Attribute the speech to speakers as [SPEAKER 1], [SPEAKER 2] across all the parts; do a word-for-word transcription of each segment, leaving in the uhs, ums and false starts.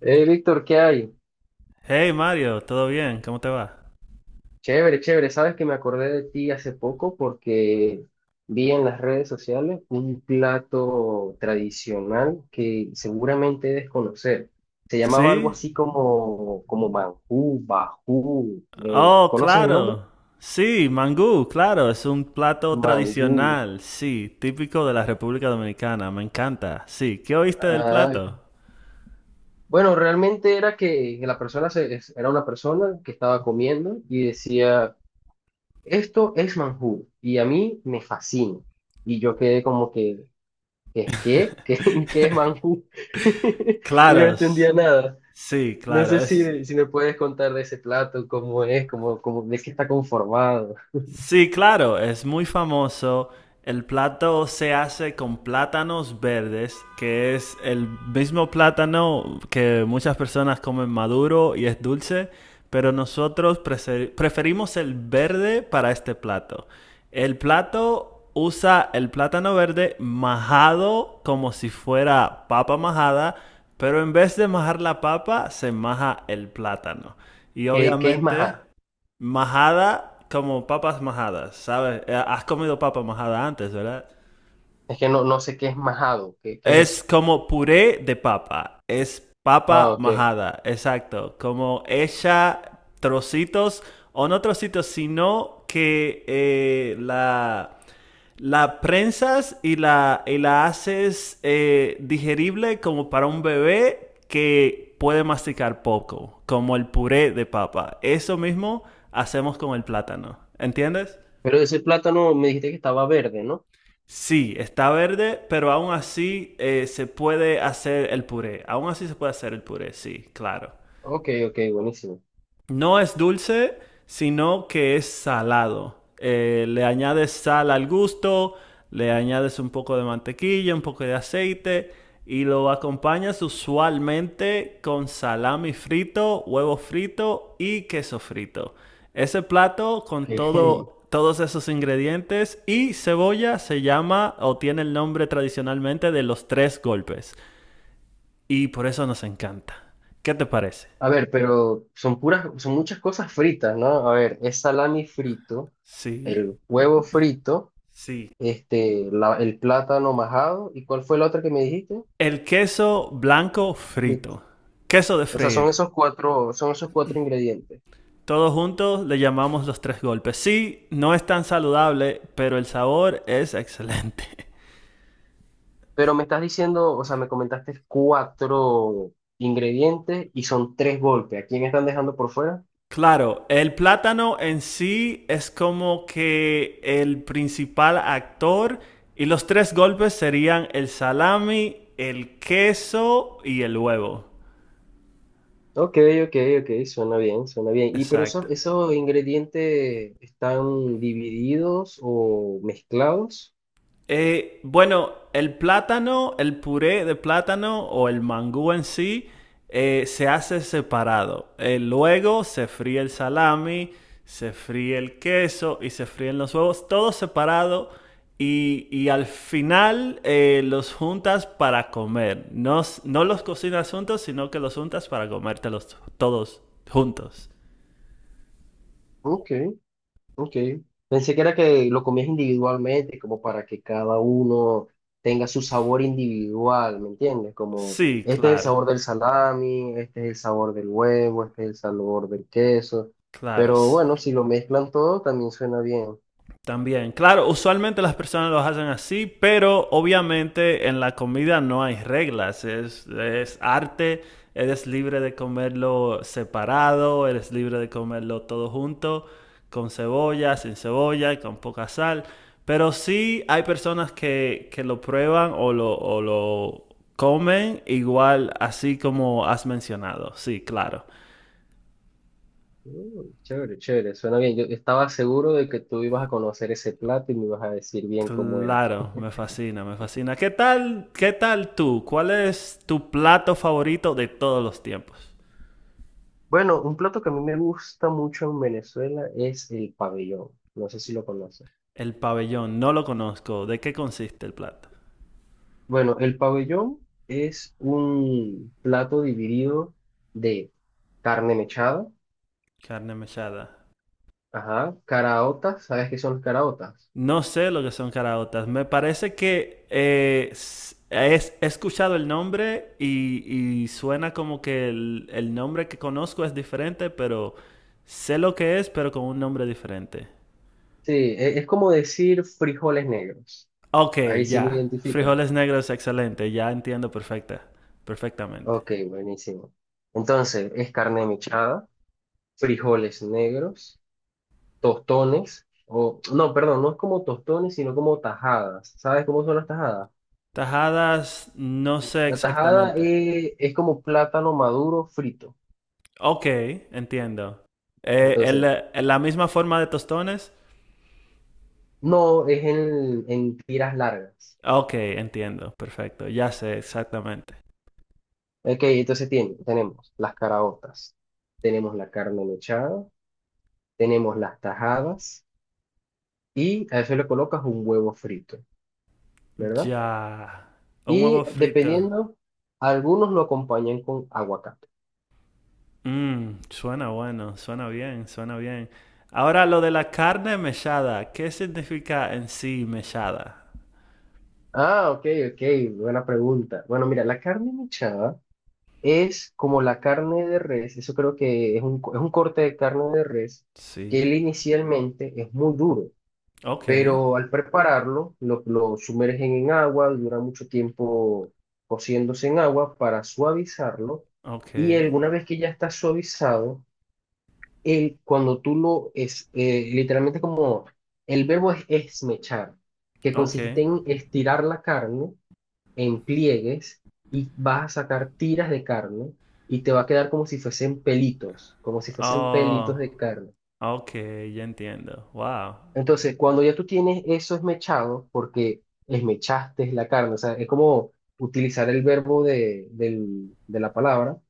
[SPEAKER 1] Hey, Víctor, ¿qué hay?
[SPEAKER 2] Hey Mario, ¿todo bien? ¿Cómo te va?
[SPEAKER 1] Chévere, chévere. Sabes que me acordé de ti hace poco porque vi en las redes sociales un plato tradicional que seguramente debes conocer. Se llamaba algo
[SPEAKER 2] Sí.
[SPEAKER 1] así como, como mangú, bajú. Eh,
[SPEAKER 2] Oh,
[SPEAKER 1] ¿conoces el nombre?
[SPEAKER 2] claro. Sí, mangú, claro, es un plato
[SPEAKER 1] Mangú.
[SPEAKER 2] tradicional, sí, típico de la República Dominicana, me encanta. Sí, ¿qué oíste del
[SPEAKER 1] Ah,
[SPEAKER 2] plato?
[SPEAKER 1] bueno, realmente era que la persona se- es- era una persona que estaba comiendo y decía, esto es mangú y a mí me fascina. Y yo quedé como que, ¿qué, qué? ¿Qué, qué es Manjú? Y no entendía
[SPEAKER 2] Claros,
[SPEAKER 1] nada.
[SPEAKER 2] sí,
[SPEAKER 1] No
[SPEAKER 2] claro,
[SPEAKER 1] sé
[SPEAKER 2] es,
[SPEAKER 1] si, si me puedes contar de ese plato, cómo es, cómo, cómo, de qué está conformado.
[SPEAKER 2] sí, claro, es muy famoso. El plato se hace con plátanos verdes, que es el mismo plátano que muchas personas comen maduro y es dulce, pero nosotros prese- preferimos el verde para este plato. El plato usa el plátano verde majado como si fuera papa majada, pero en vez de majar la papa, se maja el plátano. Y
[SPEAKER 1] ¿Qué, qué es
[SPEAKER 2] obviamente
[SPEAKER 1] majado?
[SPEAKER 2] majada como papas majadas, ¿sabes? Eh, Has comido papa majada antes, ¿verdad?
[SPEAKER 1] Es que no, no sé qué es majado. ¿Qué, qué es
[SPEAKER 2] Es
[SPEAKER 1] eso?
[SPEAKER 2] como puré de papa, es papa
[SPEAKER 1] Ah, ok.
[SPEAKER 2] majada, exacto, como hecha trocitos, o no trocitos, sino que eh, la, la prensas y la, y la haces eh, digerible como para un bebé que puede masticar poco, como el puré de papa. Eso mismo hacemos con el plátano, ¿entiendes?
[SPEAKER 1] Pero ese plátano me dijiste que estaba verde, ¿no?
[SPEAKER 2] Sí, está verde, pero aún así eh, se puede hacer el puré. Aún así se puede hacer el puré, sí, claro.
[SPEAKER 1] Ok, ok, buenísimo.
[SPEAKER 2] No es dulce, sino que es salado. Eh, le añades sal al gusto, le añades un poco de mantequilla, un poco de aceite y lo acompañas usualmente con salami frito, huevo frito y queso frito. Ese plato con
[SPEAKER 1] Ok.
[SPEAKER 2] todo, todos esos ingredientes y cebolla se llama o tiene el nombre tradicionalmente de los tres golpes y por eso nos encanta. ¿Qué te parece?
[SPEAKER 1] A ver, pero son puras, son muchas cosas fritas, ¿no? A ver, es salami frito,
[SPEAKER 2] Sí,
[SPEAKER 1] el huevo frito,
[SPEAKER 2] sí.
[SPEAKER 1] este, la- el plátano majado, ¿y cuál fue la otra que me dijiste?
[SPEAKER 2] El queso blanco
[SPEAKER 1] Listo.
[SPEAKER 2] frito. Queso de
[SPEAKER 1] O sea, son
[SPEAKER 2] freír.
[SPEAKER 1] esos cuatro, son esos cuatro ingredientes.
[SPEAKER 2] Todos juntos le llamamos los tres golpes. Sí, no es tan saludable, pero el sabor es excelente.
[SPEAKER 1] Pero me estás diciendo, o sea, me comentaste cuatro ingredientes y son tres golpes. ¿A quién están dejando por fuera?
[SPEAKER 2] Claro, el plátano en sí es como que el principal actor y los tres golpes serían el salami, el queso y el huevo.
[SPEAKER 1] Ok, ok, ok, suena bien, suena bien. ¿Y pero
[SPEAKER 2] Exacto.
[SPEAKER 1] esos, esos ingredientes están divididos o mezclados?
[SPEAKER 2] Eh, bueno, el plátano, el puré de plátano o el mangú en sí eh, se hace separado. Eh, luego se fríe el salami, se fríe el queso y se fríen los huevos, todo separado. Y, y al final eh, los juntas para comer. No, s- no los cocinas juntos, sino que los juntas para comértelos todos juntos.
[SPEAKER 1] Ok. Ok. Pensé que era que lo comías individualmente, como para que cada uno tenga su sabor individual, ¿me entiendes? Como
[SPEAKER 2] Sí,
[SPEAKER 1] este es el
[SPEAKER 2] claro,
[SPEAKER 1] sabor del salami, este es el sabor del huevo, este es el sabor del queso.
[SPEAKER 2] claro.
[SPEAKER 1] Pero bueno, si lo mezclan todo, también suena bien.
[SPEAKER 2] También, claro, usualmente las personas lo hacen así, pero obviamente en la comida no hay reglas, es, es arte, eres libre de comerlo separado, eres libre de comerlo todo junto, con cebolla, sin cebolla, con poca sal, pero sí hay personas que, que lo prueban o lo, o lo comen igual así como has mencionado, sí, claro.
[SPEAKER 1] Mm, chévere, chévere, suena bien. Yo estaba seguro de que tú ibas a conocer ese plato y me ibas a decir bien cómo era.
[SPEAKER 2] Claro, me fascina, me fascina. ¿Qué tal, qué tal tú? ¿Cuál es tu plato favorito de todos los tiempos?
[SPEAKER 1] Bueno, un plato que a mí me gusta mucho en Venezuela es el pabellón. No sé si lo conoces.
[SPEAKER 2] El pabellón, no lo conozco. ¿De qué consiste el plato?
[SPEAKER 1] Bueno, el pabellón es un plato dividido de carne mechada,
[SPEAKER 2] Carne mechada.
[SPEAKER 1] ajá, caraotas, ¿sabes qué son las caraotas?
[SPEAKER 2] No sé lo que son caraotas. Me parece que eh, s- es- he escuchado el nombre y, y suena como que el, el nombre que conozco es diferente, pero sé lo que es, pero con un nombre diferente.
[SPEAKER 1] Sí, e- es como decir frijoles negros.
[SPEAKER 2] Ok,
[SPEAKER 1] Ahí sí lo
[SPEAKER 2] ya.
[SPEAKER 1] identifica.
[SPEAKER 2] Frijoles negros, excelente. Ya entiendo perfecta, perfectamente.
[SPEAKER 1] Ok, buenísimo. Entonces, es carne mechada, frijoles negros, tostones, o no, perdón, no es como tostones, sino como tajadas. ¿Sabes cómo son las tajadas?
[SPEAKER 2] Tajadas, no sé
[SPEAKER 1] La tajada
[SPEAKER 2] exactamente.
[SPEAKER 1] eh, es como plátano maduro frito.
[SPEAKER 2] Ok, entiendo. Eh, el-
[SPEAKER 1] Entonces,
[SPEAKER 2] el- la misma forma de tostones.
[SPEAKER 1] no, es en, en tiras largas.
[SPEAKER 2] Ok, entiendo. Perfecto. Ya sé exactamente.
[SPEAKER 1] Ok, entonces tiene- tenemos las caraotas, tenemos la carne mechada, tenemos las tajadas y a eso le colocas un huevo frito, ¿verdad?
[SPEAKER 2] Ya. Un huevo
[SPEAKER 1] Y
[SPEAKER 2] frito.
[SPEAKER 1] dependiendo, algunos lo acompañan con aguacate.
[SPEAKER 2] Mmm, suena bueno, suena bien, suena bien. Ahora lo de la carne mechada. ¿Qué significa en sí mechada?
[SPEAKER 1] Ah, ok, ok, buena pregunta. Bueno, mira, la carne mechada es como la carne de res, eso creo que es un, co- es un corte de carne de res que
[SPEAKER 2] Sí.
[SPEAKER 1] él inicialmente es muy duro,
[SPEAKER 2] Ok,
[SPEAKER 1] pero al prepararlo lo, lo sumergen en agua, dura mucho tiempo cociéndose en agua para suavizarlo,
[SPEAKER 2] ok,
[SPEAKER 1] y alguna vez que ya está suavizado, el, cuando tú lo es eh, literalmente, como el verbo es esmechar, que
[SPEAKER 2] ok.
[SPEAKER 1] consiste en estirar la carne en pliegues, y vas a sacar tiras de carne y te va a quedar como si fuesen pelitos, como si fuesen pelitos
[SPEAKER 2] Oh,
[SPEAKER 1] de carne.
[SPEAKER 2] ok, ya entiendo. Wow.
[SPEAKER 1] Entonces, cuando ya tú tienes eso esmechado, porque esmechaste la carne, o sea, es como utilizar el verbo de, del- de la palabra,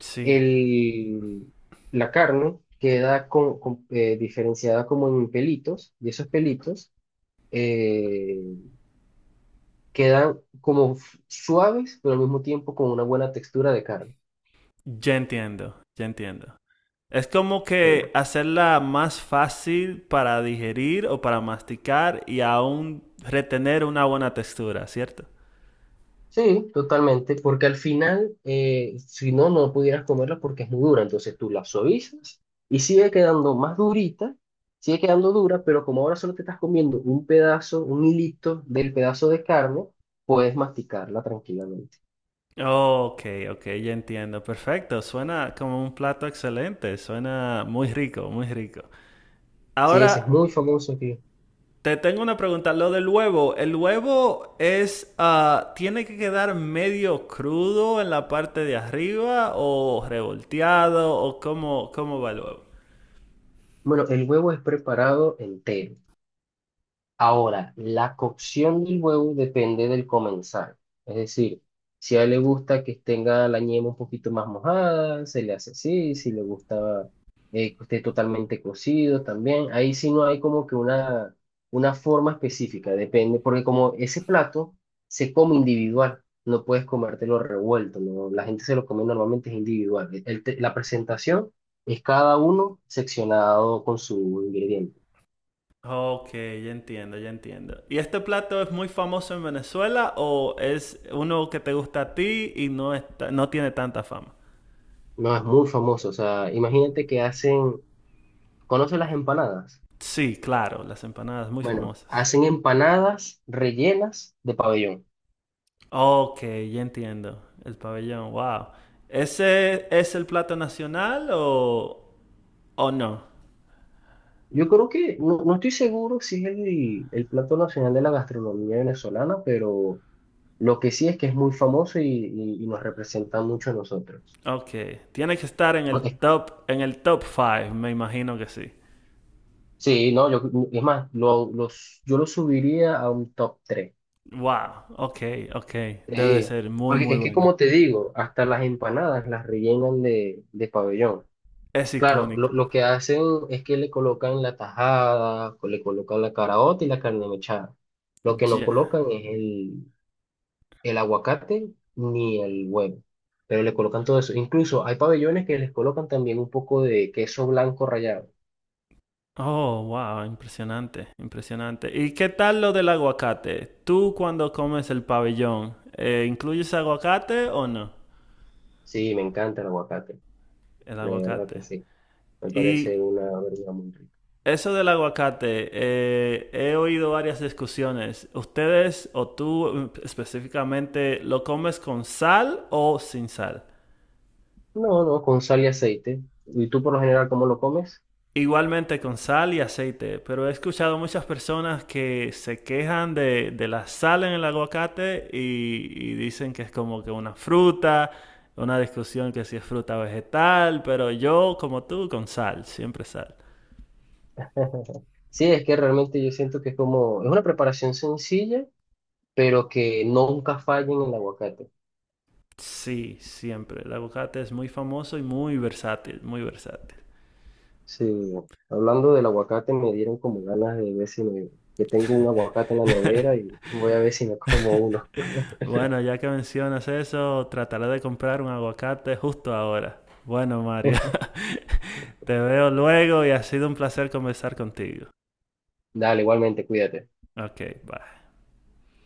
[SPEAKER 2] Sí,
[SPEAKER 1] el, la carne queda con- con- eh, diferenciada como en pelitos, y esos pelitos eh, quedan como f- suaves, pero al mismo tiempo con una buena textura de carne.
[SPEAKER 2] ya entiendo, ya entiendo. Es como
[SPEAKER 1] Sí.
[SPEAKER 2] que hacerla más fácil para digerir o para masticar y aún retener una buena textura, ¿cierto?
[SPEAKER 1] Sí, totalmente, porque al final, eh, si no, no pudieras comerla porque es muy dura. Entonces tú la suavizas y sigue quedando más durita, sigue quedando dura, pero como ahora solo te estás comiendo un pedazo, un hilito del pedazo de carne, puedes masticarla tranquilamente.
[SPEAKER 2] Oh, ok, ok, ya entiendo. Perfecto. Suena como un plato excelente. Suena muy rico, muy rico.
[SPEAKER 1] Sí, ese es muy
[SPEAKER 2] Ahora,
[SPEAKER 1] famoso aquí.
[SPEAKER 2] te tengo una pregunta, lo del huevo, ¿el huevo es, ah, tiene que quedar medio crudo en la parte de arriba o revolteado o cómo, cómo va el huevo?
[SPEAKER 1] Bueno, el huevo es preparado entero. Ahora, la cocción del huevo depende del comensal. Es decir, si a él le gusta que tenga la yema un poquito más mojada, se le hace así. Si le gusta eh, que esté totalmente cocido también. Ahí sí no hay como que una, una forma específica, depende. Porque como ese plato se come individual, no puedes comértelo revuelto, ¿no? La gente se lo come normalmente es individual. El te- la presentación es cada uno seccionado con su ingrediente.
[SPEAKER 2] Ok, ya entiendo, ya entiendo. ¿Y este plato es muy famoso en Venezuela o es uno que te gusta a ti y no está, no tiene tanta fama?
[SPEAKER 1] No, es muy famoso. O sea, imagínate que hacen, ¿conoces las empanadas?
[SPEAKER 2] Sí, claro, las empanadas muy
[SPEAKER 1] Bueno,
[SPEAKER 2] famosas.
[SPEAKER 1] hacen empanadas rellenas de pabellón.
[SPEAKER 2] Ok, ya entiendo. El pabellón, wow. ¿Ese es el plato nacional o, o no?
[SPEAKER 1] Yo creo que, no, no estoy seguro si es el, el plato nacional de la gastronomía venezolana, pero lo que sí es que es muy famoso y, y- y nos representa mucho a nosotros.
[SPEAKER 2] Ok, tiene que estar en el
[SPEAKER 1] No, es-
[SPEAKER 2] top, en el top cinco, me imagino que sí.
[SPEAKER 1] Sí, no, yo, es más, lo, los, yo lo subiría a un top tres.
[SPEAKER 2] Wow, ok, ok, debe de
[SPEAKER 1] Sí,
[SPEAKER 2] ser muy,
[SPEAKER 1] porque
[SPEAKER 2] muy
[SPEAKER 1] es que
[SPEAKER 2] buena.
[SPEAKER 1] como te digo, hasta las empanadas las rellenan de, de pabellón.
[SPEAKER 2] Es
[SPEAKER 1] Claro,
[SPEAKER 2] icónica.
[SPEAKER 1] lo, lo que hacen es que le colocan la tajada, co- le colocan la caraota y la carne mechada. Lo que no
[SPEAKER 2] Ya.
[SPEAKER 1] colocan es el, el aguacate ni el huevo, pero le colocan todo eso. Incluso hay pabellones que les colocan también un poco de queso blanco rallado.
[SPEAKER 2] Oh, wow, impresionante, impresionante. ¿Y qué tal lo del aguacate? ¿Tú cuando comes el pabellón, eh, incluyes aguacate o no?
[SPEAKER 1] Sí, me encanta el aguacate,
[SPEAKER 2] El
[SPEAKER 1] de verdad
[SPEAKER 2] aguacate.
[SPEAKER 1] que sí. Me parece
[SPEAKER 2] Y
[SPEAKER 1] una verdura muy rica.
[SPEAKER 2] eso del aguacate, eh, he oído varias discusiones. ¿Ustedes o tú mm, específicamente lo comes con sal o sin sal?
[SPEAKER 1] No, no, con sal y aceite. ¿Y tú por lo general cómo lo comes?
[SPEAKER 2] Igualmente con sal y aceite, pero he escuchado muchas personas que se quejan de, de la sal en el aguacate y, y dicen que es como que una fruta, una discusión que si es fruta o vegetal, pero yo como tú con sal, siempre sal.
[SPEAKER 1] Sí, es que realmente yo siento que es como, es una preparación sencilla pero que nunca fallen el aguacate.
[SPEAKER 2] Sí, siempre. El aguacate es muy famoso y muy versátil, muy versátil.
[SPEAKER 1] Sí, hablando del aguacate me dieron como ganas de ver si me, que tengo un aguacate en la nevera y voy a ver si me como uno.
[SPEAKER 2] Bueno, ya que mencionas eso, trataré de comprar un aguacate justo ahora. Bueno, Mario. Te veo luego y ha sido un placer conversar contigo.
[SPEAKER 1] Dale, igualmente, cuídate.
[SPEAKER 2] Ok, bye.